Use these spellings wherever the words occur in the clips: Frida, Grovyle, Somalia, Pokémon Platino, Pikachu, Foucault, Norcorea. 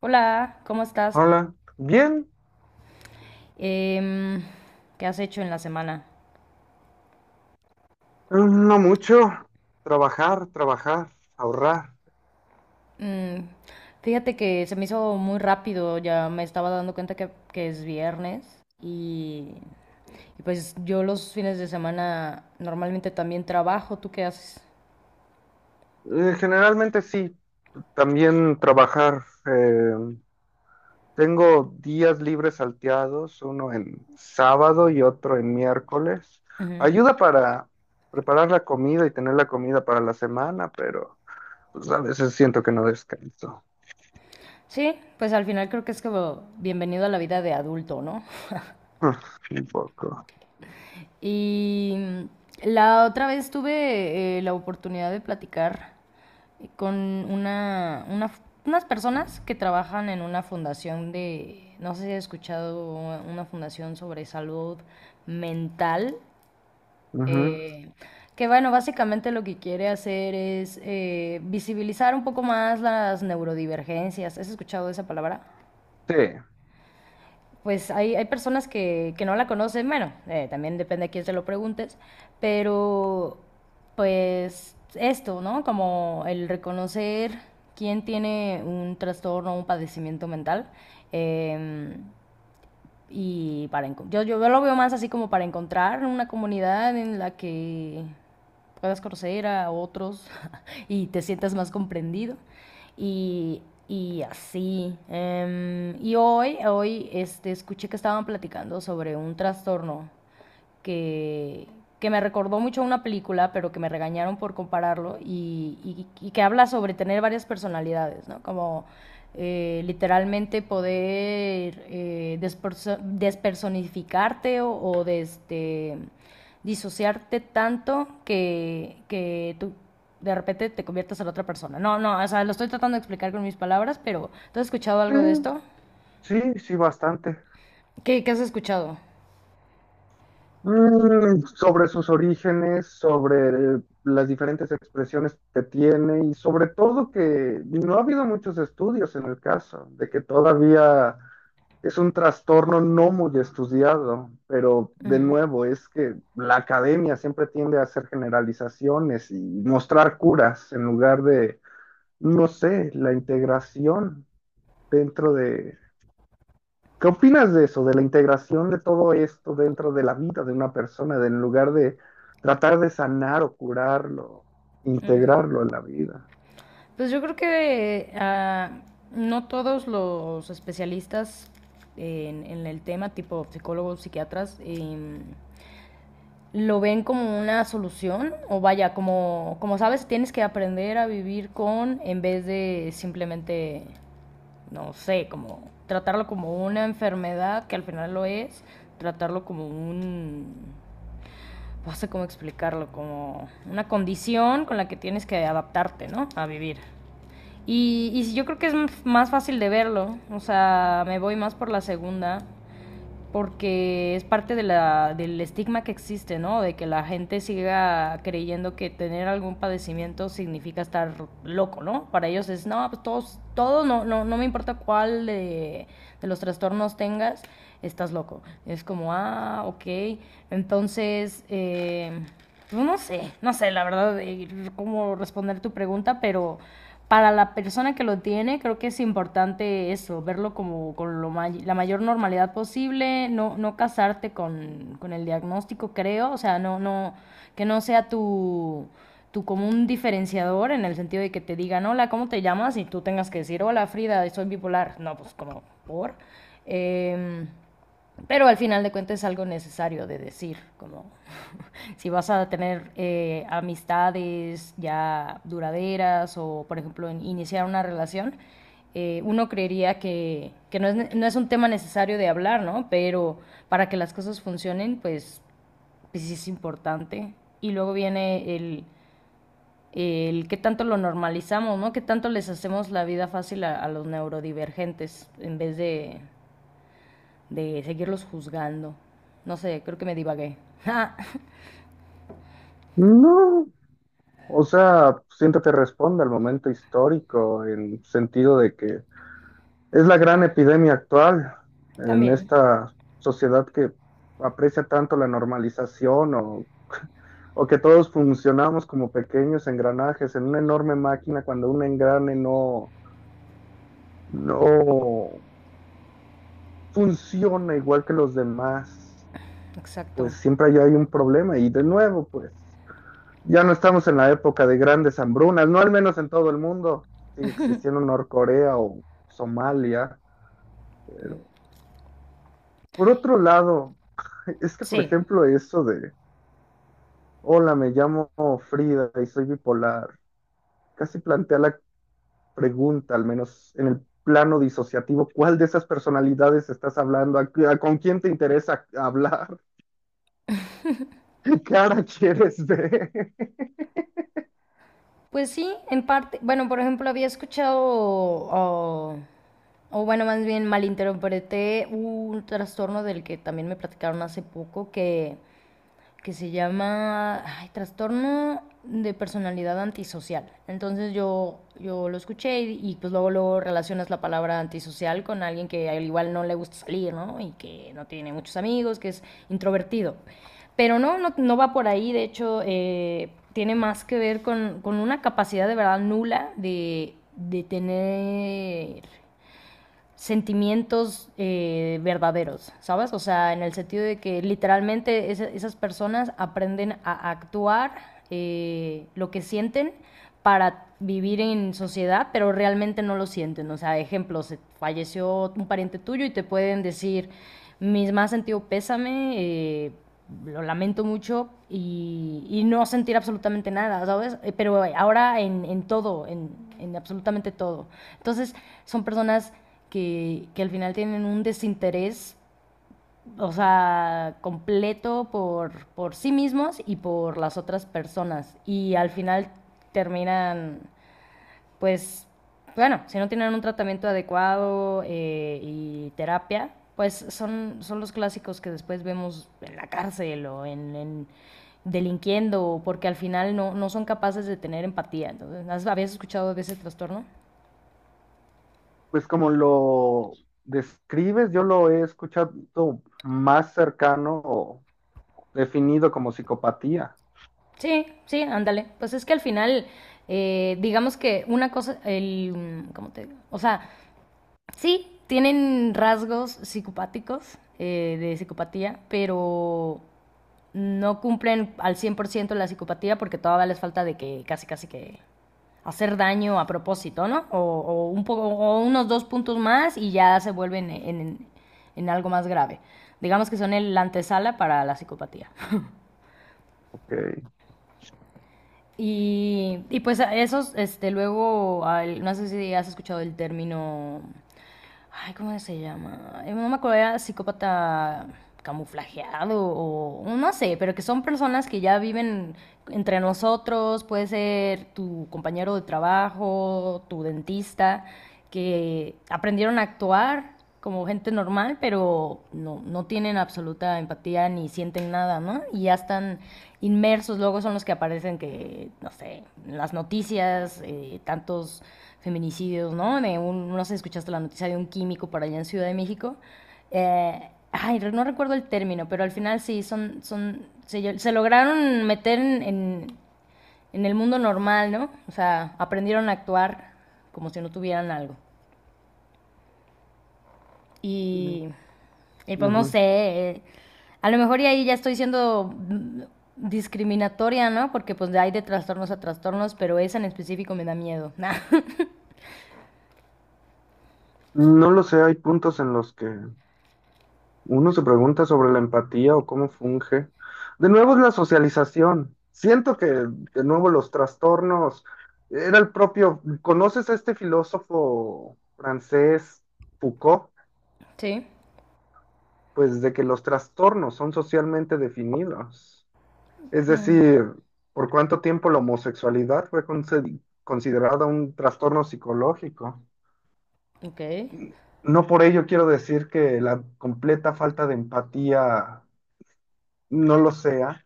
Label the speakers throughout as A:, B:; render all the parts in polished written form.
A: Hola, ¿cómo estás?
B: Hola, bien,
A: Em, ¿Qué has hecho en la semana?
B: no mucho. Trabajar, trabajar, ahorrar.
A: Mm, fíjate que se me hizo muy rápido, ya me estaba dando cuenta que es viernes y, y pues yo los fines de semana normalmente también trabajo, ¿tú qué haces?
B: Generalmente sí, también trabajar. Tengo días libres salteados, uno en sábado y otro en miércoles.
A: Ujú.
B: Ayuda para preparar la comida y tener la comida para la semana, pero pues, a veces siento que no descanso.
A: Sí, pues al final creo que es como bienvenido a la vida de adulto, ¿no?
B: Un poco.
A: Y la otra vez tuve la oportunidad de platicar con unas personas que trabajan en una fundación de, no sé si has escuchado, una fundación sobre salud mental,
B: Ujú.
A: eh, que bueno, básicamente lo que quiere hacer es visibilizar un poco más las neurodivergencias. ¿Has escuchado esa palabra?
B: Sí,
A: Pues hay personas que no la conocen, bueno, también depende a quién se lo preguntes, pero pues esto, ¿no? Como el reconocer quién tiene un trastorno o un padecimiento mental. em, y para yo lo veo más así como para encontrar una comunidad en la que puedas conocer a otros y te sientas más comprendido. Y, y así. Y hoy escuché que estaban platicando sobre un trastorno que, que me recordó mucho a una película, pero que me regañaron por compararlo, y que habla sobre tener varias personalidades, ¿no? Como literalmente poder despersonificarte o de este, disociarte tanto que tú de repente te conviertas en otra persona. No, no, o sea, lo estoy tratando de explicar con mis palabras, pero ¿tú has escuchado algo de
B: sí,
A: esto?
B: sí, bastante.
A: ¿Qué has escuchado?
B: Mm, sobre sus orígenes, sobre las diferentes expresiones que tiene y sobre todo que no ha habido muchos estudios en el caso, de que todavía es un trastorno no muy estudiado, pero de
A: Ujú.
B: nuevo es que la academia siempre tiende a hacer generalizaciones y mostrar curas en lugar de, no sé, la integración dentro. ¿Qué opinas de eso, de la integración de todo esto dentro de la vida de una persona, de en lugar de tratar de sanar o curarlo, integrarlo en la vida?
A: Pues yo creo que no todos los especialistas en el tema, tipo psicólogos, psiquiatras, lo ven como una solución o vaya, como, como sabes, tienes que aprender a vivir con en vez de simplemente, no sé, como tratarlo como una enfermedad, que al final lo es, tratarlo como un, no sé cómo explicarlo, como una condición con la que tienes que adaptarte, ¿no? A vivir. Y sí, yo creo que es más fácil de verlo, o sea, me voy más por la segunda, porque es parte de la, del estigma que existe, ¿no? De que la gente siga creyendo que tener algún padecimiento significa estar loco, ¿no? Para ellos es, no, pues todos, todo, no, no, no me importa cuál de los trastornos tengas, estás loco. Es como, ah, ok. Entonces, pues no sé, no sé, la verdad, cómo responder tu pregunta, pero para la persona que lo tiene, creo que es importante eso, verlo como con lo la mayor normalidad posible, no, no casarte con el diagnóstico, creo, o sea, no, no, que no sea tu común diferenciador en el sentido de que te digan, hola, ¿cómo te llamas? Y tú tengas que decir, hola, Frida, soy bipolar. No, pues como, por. Em, pero al final de cuentas es algo necesario de decir, como si vas a tener amistades ya duraderas o, por ejemplo, en iniciar una relación, uno creería que no, es, no, es, un tema necesario de hablar, ¿no? Pero para que las cosas funcionen, pues, pues sí es importante. Y luego viene el qué tanto lo normalizamos, ¿no? Qué tanto les hacemos la vida fácil a los neurodivergentes en vez de seguirlos juzgando. No sé, creo que me divagué.
B: No, o sea, siento que responde al momento histórico en sentido de que es la gran epidemia actual en
A: También,
B: esta sociedad que aprecia tanto la normalización o que todos funcionamos como pequeños engranajes en una enorme máquina cuando un engrane no, no funciona igual que los demás,
A: exacto.
B: pues siempre hay un problema. Y de nuevo, pues ya no estamos en la época de grandes hambrunas, no al menos en todo el mundo. Sigue existiendo Norcorea o Somalia. Pero, por otro lado, es que, por
A: Sí.
B: ejemplo, eso de, hola, me llamo Frida y soy bipolar, casi plantea la pregunta, al menos en el plano disociativo, ¿cuál de esas personalidades estás hablando? Con quién te interesa hablar? ¿Qué cara quieres ver?
A: Pues sí, en parte, bueno, por ejemplo, había escuchado, o bueno, más bien malinterpreté un trastorno del que también me platicaron hace poco, que se llama ay, Trastorno de Personalidad Antisocial. Entonces yo lo escuché pues luego, luego relacionas la palabra antisocial con alguien que al igual no le gusta salir, ¿no? Y que no tiene muchos amigos, que es introvertido. Pero no, no, no va por ahí, de hecho, tiene más que ver con una capacidad de verdad nula de tener sentimientos verdaderos, ¿sabes? O sea, en el sentido de que literalmente esas personas aprenden a actuar lo que sienten para vivir en sociedad, pero realmente no lo sienten. O sea, ejemplo, se falleció un pariente tuyo y te pueden decir, mis más sentido pésame, lo lamento mucho y no sentir absolutamente nada, ¿sabes? Pero ahora en todo, en absolutamente todo. Entonces, son personas que al final tienen un desinterés, o sea, completo por sí mismos y por las otras personas. Y al final terminan, pues, bueno, si no tienen un tratamiento adecuado y terapia, pues son los clásicos que después vemos en la cárcel o en delinquiendo, porque al final no, no son capaces de tener empatía. Entonces, ¿habías escuchado de ese trastorno?
B: Pues como lo describes, yo lo he escuchado más cercano o definido como psicopatía.
A: Sí, sí, ándale. Pues es que al final, digamos que una cosa, el, ¿cómo te digo? O sea, sí, tienen rasgos psicopáticos de psicopatía, pero no cumplen al 100% la psicopatía porque todavía les falta de que casi, casi que hacer daño a propósito, ¿no? O un poco, o unos dos puntos más y ya se vuelven en algo más grave. Digamos que son el antesala para la psicopatía.
B: Ok.
A: Y pues a esos, este, luego, al- no sé si has escuchado el término, ay, ¿cómo se llama? No me acuerdo, era psicópata camuflajeado o no sé, pero que son personas que ya viven entre nosotros, puede ser tu compañero de trabajo, tu dentista, que aprendieron a actuar como gente normal, pero no, no tienen absoluta empatía ni sienten nada, ¿no? Y ya están inmersos, luego son los que aparecen que, no sé, en las noticias, tantos feminicidios, ¿no? De un, no sé, escuchaste la noticia de un químico por allá en Ciudad de México. Ay, no recuerdo el término, pero al final sí, son, son, se lograron meter en el mundo normal, ¿no? O sea, aprendieron a actuar como si no tuvieran algo.
B: Mm,
A: Y, y pues no
B: ujú.
A: sé, a lo mejor y ahí ya estoy siendo mm, discriminatoria, ¿no? Porque pues hay de trastornos a trastornos, pero esa en específico me da miedo.
B: No lo sé, hay puntos en los que uno se pregunta sobre la empatía o cómo funge. De nuevo es la socialización. Siento que de nuevo los trastornos, era el propio, ¿conoces a este filósofo francés Foucault?
A: Sí.
B: Pues de que los trastornos son socialmente definidos. Es
A: Mm.
B: decir, ¿por cuánto tiempo la homosexualidad fue considerada un trastorno psicológico?
A: Ok.
B: N- No por ello quiero decir que la completa falta de empatía no lo sea,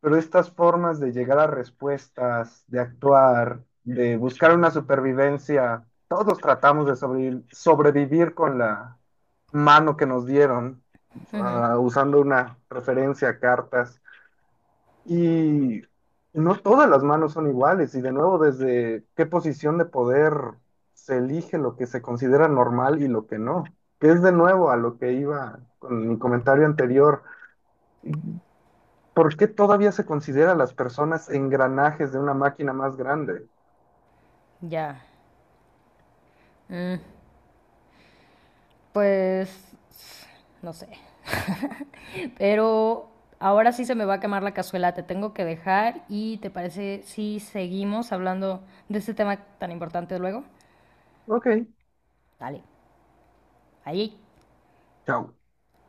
B: pero estas formas de llegar a respuestas, de actuar, de buscar una supervivencia, todos tratamos de sobrevivir con la mano que nos dieron,
A: Ujú.
B: ah, usando una referencia a cartas. Y no todas las manos son iguales, y de nuevo, desde qué posición de poder se elige lo que se considera normal y lo que no, que es de nuevo a lo que iba con mi comentario anterior. ¿Por qué todavía se considera a las personas engranajes de una máquina más grande?
A: Ya. Mm. Pues no sé. Pero ahora sí se me va a quemar la cazuela, te tengo que dejar y ¿te parece si seguimos hablando de este tema tan importante luego?
B: Ok,
A: Dale. Ahí.
B: chao.